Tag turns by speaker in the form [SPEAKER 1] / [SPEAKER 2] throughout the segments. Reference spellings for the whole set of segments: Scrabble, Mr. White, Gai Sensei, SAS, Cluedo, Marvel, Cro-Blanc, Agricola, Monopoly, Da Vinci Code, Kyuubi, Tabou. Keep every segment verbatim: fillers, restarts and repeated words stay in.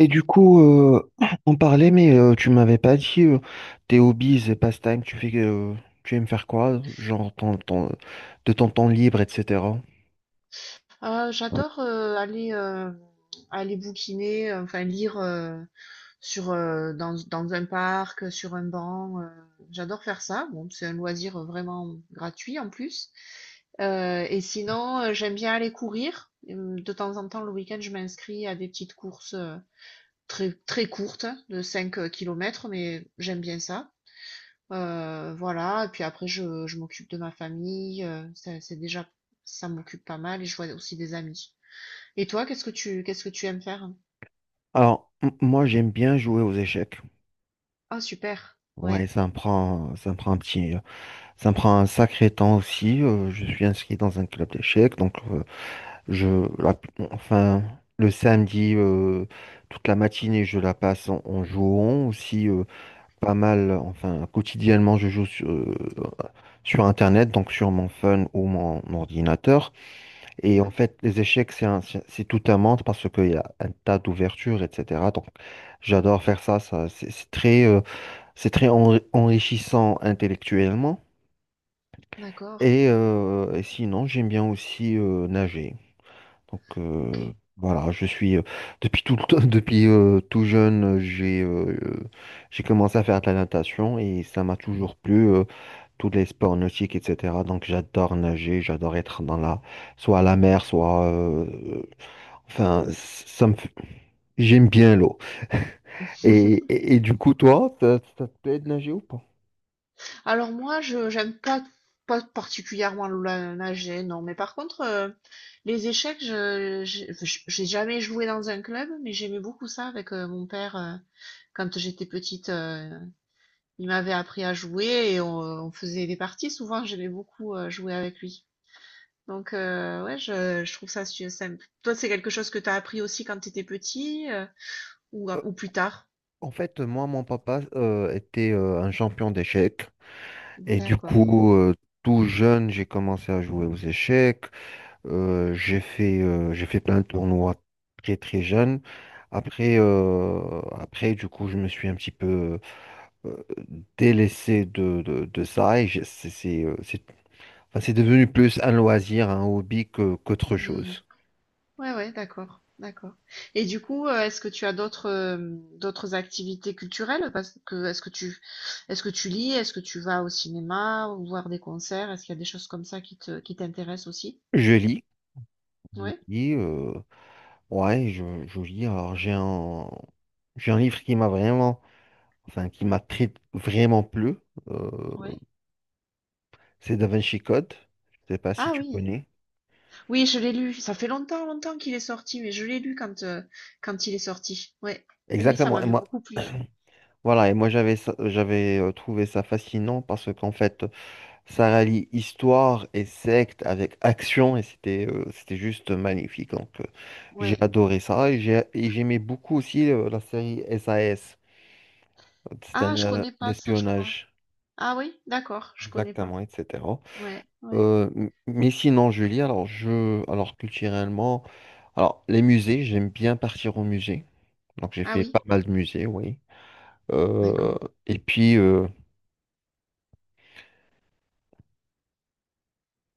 [SPEAKER 1] Et du coup, euh, on parlait, mais euh, tu m'avais pas dit euh, tes hobbies et pastimes, tu fais, euh, tu aimes faire quoi, genre ton, ton- de ton temps libre, et cetera.
[SPEAKER 2] Ah, j'adore euh, aller euh, aller bouquiner, euh, enfin lire euh, sur euh, dans, dans un parc, sur un banc. Euh, j'adore faire ça. Bon, c'est un loisir vraiment gratuit en plus. Euh, et sinon, euh, j'aime bien aller courir. Hum. De temps en temps, le week-end, je m'inscris à des petites courses euh, très très courtes, de cinq euh, kilomètres, mais j'aime bien ça. Euh, voilà. Et puis après, je, je m'occupe de ma famille. Euh, ça- c'est déjà ça m'occupe pas mal et je vois aussi des amis. Et toi, qu'est-ce que tu qu'est-ce que tu aimes faire?
[SPEAKER 1] Alors, m- moi, j'aime bien jouer aux échecs.
[SPEAKER 2] Ah super,
[SPEAKER 1] Ouais,
[SPEAKER 2] ouais.
[SPEAKER 1] ça me prend, ça me prend un petit, ça me prend un sacré temps aussi. Euh, je suis inscrit dans un club d'échecs, donc euh, Je, la- enfin, le samedi, euh, toute la matinée, je la passe en, en jouant aussi euh, pas mal. Enfin, quotidiennement, je joue sur, euh, sur Internet, donc sur mon phone ou mon ordinateur. Et en
[SPEAKER 2] Mhm.
[SPEAKER 1] fait, les échecs, c'est un- c'est c'est tout un monde parce qu'il y a un tas d'ouvertures, et cetera. Donc, j'adore faire ça. Ça, c'est c'est très, euh, c'est très enri- enrichissant intellectuellement.
[SPEAKER 2] D'accord.
[SPEAKER 1] Et, euh, et sinon, j'aime bien aussi euh, nager. Donc euh,
[SPEAKER 2] OK.
[SPEAKER 1] voilà, je suis euh, depuis tout le temps, depuis euh, tout jeune, j'ai euh, j'ai commencé à faire de la natation et ça m'a toujours plu, euh, tous les sports nautiques, et cetera. Donc j'adore nager, j'adore être dans la soit à la mer, soit euh, enfin ça me fait- j'aime bien l'eau. Et, et, et du coup, toi, ça, ça te plaît de nager ou pas?
[SPEAKER 2] Alors moi, je j'aime pas pas particulièrement la nager, non. Mais par contre, euh, les échecs, je j'ai j'ai jamais joué dans un club, mais j'aimais beaucoup ça avec euh, mon père euh, quand j'étais petite. Euh, il m'avait appris à jouer et on, on faisait des parties. Souvent, j'aimais beaucoup euh, jouer avec lui. Donc euh, ouais, je, je trouve ça su- simple. Toi, c'est quelque chose que t'as appris aussi quand t'étais petit. euh? Ou
[SPEAKER 1] Euh,
[SPEAKER 2] ou plus tard?
[SPEAKER 1] En fait, moi, mon papa euh, était euh, un champion d'échecs. Et du
[SPEAKER 2] D'accord.
[SPEAKER 1] coup, euh, tout jeune, j'ai commencé à jouer aux échecs. Euh, j'ai fait, euh, j'ai fait plein de tournois très très jeune. Après, euh, après, du coup, je me suis un petit peu euh, délaissé de, de, de ça et j'ai- c'est c'est, euh, c'est- enfin, c'est devenu plus un loisir, un hobby que, qu'autre
[SPEAKER 2] Mmh.
[SPEAKER 1] chose.
[SPEAKER 2] Ouais, ouais, d'accord, d'accord. Et du coup, heu, est-ce que tu as d'autres, hem, d'autres activités culturelles? Parce que est-ce que tu est-ce que tu lis? Est-ce que tu vas au cinéma ou voir des concerts? Est-ce qu'il y a des choses comme ça qui te qui t'intéressent aussi?
[SPEAKER 1] Je lis, je
[SPEAKER 2] Ouais?
[SPEAKER 1] lis, euh, ouais, je, je lis. Alors, j'ai un, j'ai un livre qui m'a vraiment, enfin, qui m'a très, vraiment plu. Euh,
[SPEAKER 2] Ouais.
[SPEAKER 1] c'est Da Vinci Code. Je sais pas si
[SPEAKER 2] Ah
[SPEAKER 1] tu
[SPEAKER 2] oui.
[SPEAKER 1] connais.
[SPEAKER 2] Oui, je l'ai lu. Ça fait longtemps, longtemps qu'il est sorti, mais je l'ai lu quand, heu, quand il est sorti. Ouais. Oui, oui, ça
[SPEAKER 1] Exactement. Et
[SPEAKER 2] m'avait
[SPEAKER 1] moi,
[SPEAKER 2] beaucoup plu.
[SPEAKER 1] Voilà, et moi j'avais ça- j'avais euh, trouvé ça fascinant parce qu'en fait, ça rallie histoire et secte avec action et c'était euh, c'était juste magnifique. Donc euh, j'ai
[SPEAKER 2] Ouais.
[SPEAKER 1] adoré ça et j'ai et j'aimais beaucoup aussi euh, la série S A S, c'est un
[SPEAKER 2] Ah, je
[SPEAKER 1] euh,
[SPEAKER 2] connais pas ça, je crois.
[SPEAKER 1] d'espionnage,
[SPEAKER 2] Ah oui? D'accord, je connais pas.
[SPEAKER 1] exactement, et cetera.
[SPEAKER 2] Ouais, ouais.
[SPEAKER 1] Euh, m- mais sinon, Julie, alors je alors culturellement, alors les musées, j'aime bien partir au musée. Donc j'ai
[SPEAKER 2] Ah
[SPEAKER 1] fait
[SPEAKER 2] oui?
[SPEAKER 1] pas mal de musées, oui.
[SPEAKER 2] D'accord.
[SPEAKER 1] Euh, et puis euh,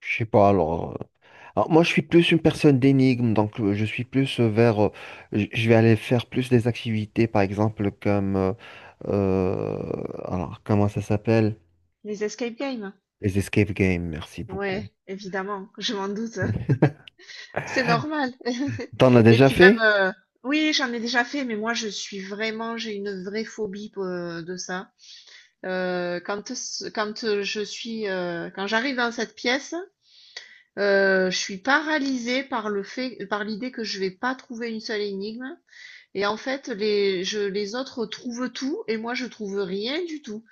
[SPEAKER 1] Je sais pas, alors, euh, alors, moi, je suis plus une personne d'énigme, donc euh, je suis plus euh, vers. Euh, j- je vais aller faire plus des activités, par exemple, comme. Euh, euh, alors, comment ça s'appelle?
[SPEAKER 2] Les escape games?
[SPEAKER 1] Les escape games, merci beaucoup.
[SPEAKER 2] Ouais, évidemment, je m'en doute, c'est normal.
[SPEAKER 1] T'en as
[SPEAKER 2] Et
[SPEAKER 1] déjà
[SPEAKER 2] puis même,
[SPEAKER 1] fait?
[SPEAKER 2] heu, oui, j'en ai déjà fait, mais moi je suis vraiment j'ai une vraie phobie p de ça. Heu, quand ce quand, heu, je suis, heu, quand j'arrive dans cette pièce, heu, je suis paralysée par le fait par l'idée que je vais pas trouver une seule énigme et en fait les je les autres trouvent tout et moi je trouve rien du tout.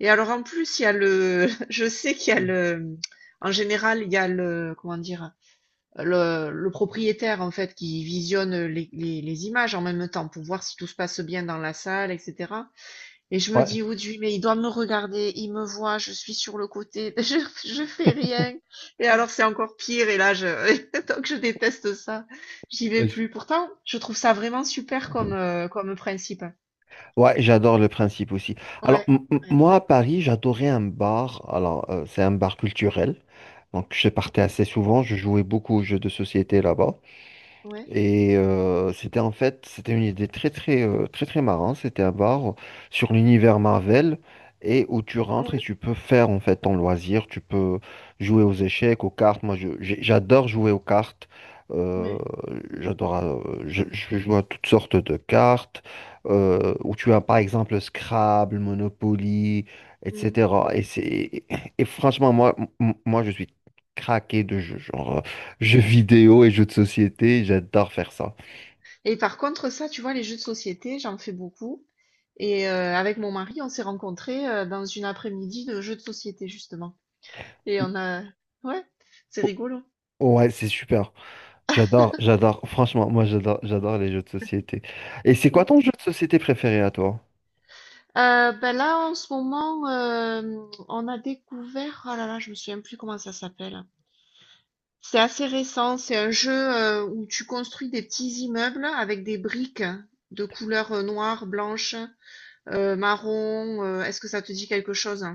[SPEAKER 2] Et alors en plus, il y a le, je sais qu'il y a le, en général, il y a le, comment dire, le, le propriétaire en fait qui visionne les, les, les images en même temps pour voir si tout se passe bien dans la salle, et cætera. Et je me dis, oui, mais il doit me regarder, il me voit, je suis sur le côté, je, je fais rien. Et alors c'est encore pire. Et là, je, donc je déteste ça. J'y vais
[SPEAKER 1] Je
[SPEAKER 2] plus. Pourtant, je trouve ça vraiment super comme, euh, comme principe.
[SPEAKER 1] Ouais, j'adore le principe aussi. Alors,
[SPEAKER 2] Ouais,
[SPEAKER 1] m- m-
[SPEAKER 2] ouais,
[SPEAKER 1] moi, à Paris, j'adorais un bar. Alors, euh, c'est un bar culturel. Donc, je partais assez souvent. Je jouais beaucoup aux jeux de société là-bas.
[SPEAKER 2] ouais.
[SPEAKER 1] Et euh, c'était en fait, c'était une idée très très euh, très très marrante. C'était un bar sur l'univers Marvel et où tu
[SPEAKER 2] Ah
[SPEAKER 1] rentres et
[SPEAKER 2] ouais,
[SPEAKER 1] tu peux faire en fait ton loisir. Tu peux jouer aux échecs, aux cartes. Moi, je- j'ai- j'adore jouer aux cartes. Euh,
[SPEAKER 2] ouais.
[SPEAKER 1] j'adore. euh, je, je joue à toutes sortes de cartes euh, où tu as par exemple Scrabble, Monopoly,
[SPEAKER 2] Mm.
[SPEAKER 1] et cetera. Et c'est et franchement moi m- moi je suis craqué de jeux. Jeux
[SPEAKER 2] Ouais.
[SPEAKER 1] vidéo et jeux de société, j'adore faire ça.
[SPEAKER 2] Et par contre, ça, tu vois, les jeux de société, j'en fais beaucoup. Et euh, avec mon mari, on s'est rencontrés euh, dans une après-midi de jeux de société, justement. Et on a... Ouais, c'est
[SPEAKER 1] O-
[SPEAKER 2] rigolo.
[SPEAKER 1] Ouais, c'est super. J'adore, j'adore. Franchement, moi, j'adore, j'adore les jeux de société. Et c'est quoi
[SPEAKER 2] Oui.
[SPEAKER 1] ton jeu de société préféré à toi?
[SPEAKER 2] Euh, ben là, en ce moment, euh, on a découvert... Oh là là, je me souviens plus comment ça s'appelle. C'est assez récent. C'est un jeu euh, où tu construis des petits immeubles avec des briques de couleur euh, noire, blanche, euh, marron. euh, Est-ce que ça te dit quelque chose?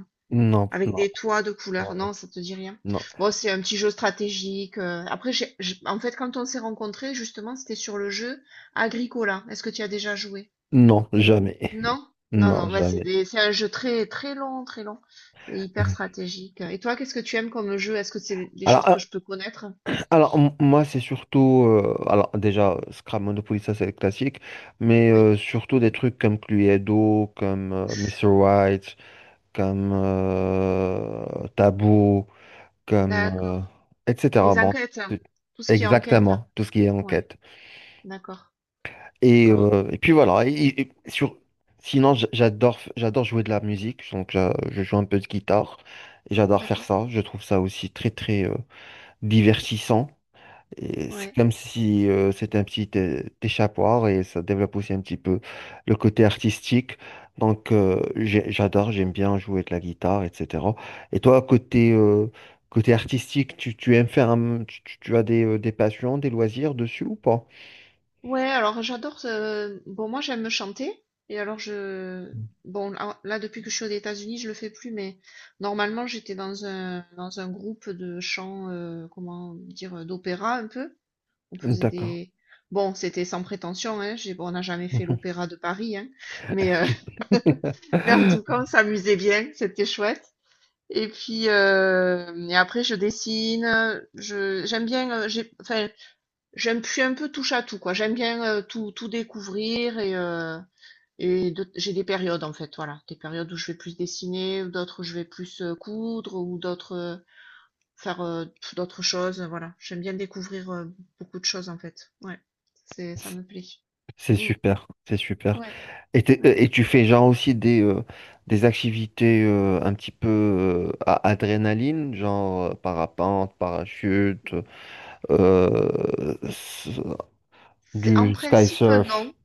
[SPEAKER 1] Non,
[SPEAKER 2] Avec
[SPEAKER 1] non,
[SPEAKER 2] des toits de couleurs,
[SPEAKER 1] ouais,
[SPEAKER 2] non, ça te dit rien?
[SPEAKER 1] non,
[SPEAKER 2] Bon, c'est un petit jeu stratégique. euh, Après, j'ai, j'ai- en fait, quand on s'est rencontrés, justement, c'était sur le jeu Agricola. Est-ce que tu y as déjà joué?
[SPEAKER 1] non, jamais,
[SPEAKER 2] Non? Non,
[SPEAKER 1] non,
[SPEAKER 2] non, bah, c'est
[SPEAKER 1] jamais.
[SPEAKER 2] des- c'est un jeu très, très long, très long et hyper stratégique. Et toi, qu'est-ce que tu aimes comme jeu? Est-ce que c'est des des
[SPEAKER 1] Alors,
[SPEAKER 2] choses que je peux connaître?
[SPEAKER 1] Alors, m- moi, c'est surtout. Euh, alors, déjà, Scrap Monopoly, ça, c'est le classique. Mais
[SPEAKER 2] Oui,
[SPEAKER 1] euh, surtout des trucs comme Cluedo, comme euh, monsieur White, comme euh, Tabou, comme. Euh,
[SPEAKER 2] d'accord.
[SPEAKER 1] et cetera.
[SPEAKER 2] Les
[SPEAKER 1] Bon,
[SPEAKER 2] enquêtes, hein,
[SPEAKER 1] c'est-
[SPEAKER 2] tout ce qui est enquête. Hein.
[SPEAKER 1] exactement, tout ce qui est
[SPEAKER 2] Ouais,
[SPEAKER 1] enquête.
[SPEAKER 2] d'accord,
[SPEAKER 1] Et,
[SPEAKER 2] d'accord,
[SPEAKER 1] euh, et puis voilà. Et- et sur... Sinon, j- j'adore f- j'adore jouer de la musique. Donc, j'a- je joue un peu de guitare. Et j'adore faire
[SPEAKER 2] d'accord.
[SPEAKER 1] ça. Je trouve ça aussi très, très euh, divertissant. Et c'est
[SPEAKER 2] Ouais.
[SPEAKER 1] comme si euh, c'était un petit euh, échappatoire et ça développe aussi un petit peu le côté artistique. Donc euh, j'ai- j'adore, j'aime bien jouer de la guitare, et cetera. Et toi, côté, euh, côté artistique, tu, tu aimes faire un, tu, tu- tu as des, euh, des passions, des loisirs dessus ou pas?
[SPEAKER 2] Ouais, alors j'adore. euh, Bon, moi j'aime chanter. Et alors je. Bon, là, là, depuis que je suis aux États-Unis, je le fais plus, mais normalement j'étais dans un, dans un groupe de chant, euh, comment dire, euh, d'opéra un peu. On faisait
[SPEAKER 1] D'accord.
[SPEAKER 2] des. Bon, c'était sans prétention, hein. J'ai... bon, on n'a jamais fait l'opéra de Paris, hein. Mais, euh, mais en tout cas, on s'amusait bien, c'était chouette. Et puis, euh, et après, je dessine. Je, j'aime bien. euh, j'ai... Enfin, J'aime, je suis un peu touche à tout, quoi. J'aime bien euh, tout, tout découvrir et, euh, et de- j'ai des périodes en fait, voilà, des périodes où je vais plus dessiner, ou d'autres où je vais plus euh, coudre ou d'autres euh, faire euh, pff, d'autres choses, voilà. J'aime bien découvrir euh, beaucoup de choses en fait. Ouais, c'est ça me plaît.
[SPEAKER 1] C'est
[SPEAKER 2] Mm.
[SPEAKER 1] super, c'est super.
[SPEAKER 2] Ouais.
[SPEAKER 1] Et, t'es- euh,
[SPEAKER 2] Ouais.
[SPEAKER 1] et tu fais genre aussi des, euh, des activités euh, un petit peu euh, à adrénaline, genre euh, parapente, parachute, euh, s-
[SPEAKER 2] C'est en
[SPEAKER 1] du sky
[SPEAKER 2] principe
[SPEAKER 1] surf.
[SPEAKER 2] non.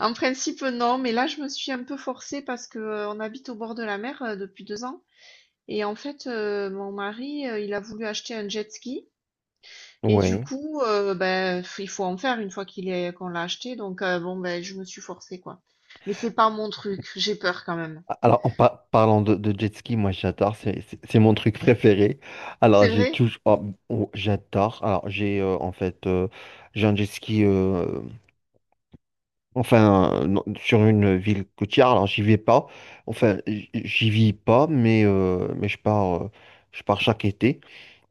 [SPEAKER 2] En principe non, mais là je me suis un peu forcée parce que euh, on habite au bord de la mer euh, depuis deux ans et en fait euh, mon mari euh, il a voulu acheter un jet ski. Et du
[SPEAKER 1] Oui.
[SPEAKER 2] coup, heu, ben, f- il faut en faire une fois qu'il est qu'on l'a acheté donc heu, bon, ben, je me suis forcée, quoi. Mais c'est pas mon truc, j'ai peur quand même.
[SPEAKER 1] Alors, en par- parlant de, de jet ski, moi j'adore, c'est c'est- c'est mon truc préféré. Alors,
[SPEAKER 2] C'est
[SPEAKER 1] j'ai
[SPEAKER 2] vrai?
[SPEAKER 1] toujours. Oh, oh, j'adore. Alors, j'ai euh, en fait, euh, j'ai un jet ski euh, Enfin, euh, non, sur une ville côtière, alors j'y vais pas. Enfin, j- j'y vis pas, mais, euh, mais je pars, euh, je pars chaque été.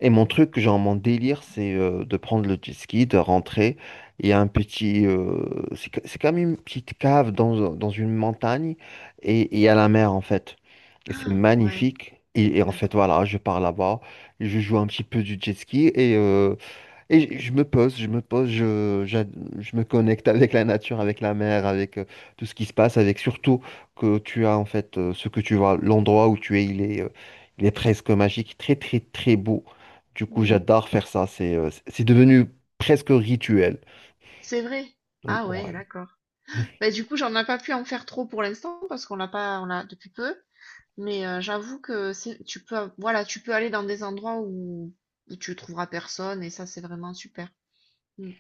[SPEAKER 1] Et mon truc, genre mon délire, c'est euh, de prendre le jet ski, de rentrer. Il y a un petit, euh, c'est ca- c'est comme une petite cave dans, dans une montagne et et il y a la mer en fait. Et c'est
[SPEAKER 2] Ah ouais,
[SPEAKER 1] magnifique. Et, et en fait,
[SPEAKER 2] d'accord.
[SPEAKER 1] voilà, je pars là-bas, je joue un petit peu du jet ski et. euh, et je me pose, je me pose, je, j'ad- je me connecte avec la nature, avec la mer, avec euh, tout ce qui se passe, avec surtout que tu as en fait euh, ce que tu vois, l'endroit où tu es, il est, euh, il est presque magique, très très très beau. Du coup,
[SPEAKER 2] Mmh.
[SPEAKER 1] j'adore faire ça, c'est euh, c'est c'est devenu presque rituel.
[SPEAKER 2] C'est vrai?
[SPEAKER 1] Donc,
[SPEAKER 2] Ah ouais,
[SPEAKER 1] ouais.
[SPEAKER 2] d'accord. Ben du coup, j'en ai pas pu en faire trop pour l'instant parce qu'on l'a pas on l'a depuis peu, mais heu, j'avoue que c'est tu peux av voilà, tu peux aller dans des endroits où où tu trouveras personne et ça, c'est vraiment super. Mmh.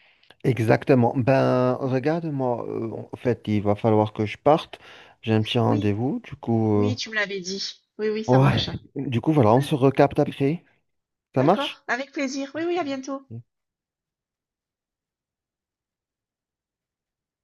[SPEAKER 1] Exactement. Ben, regarde-moi, euh, en fait, il va falloir que je parte. J'ai un petit
[SPEAKER 2] Oui,
[SPEAKER 1] rendez-vous, du coup, euh,
[SPEAKER 2] oui, tu me l'avais dit. Oui, oui, ça marche.
[SPEAKER 1] ouais. Du coup, voilà, on se recapte après. Ça marche?
[SPEAKER 2] D'accord, avec plaisir. Oui, oui, à bientôt.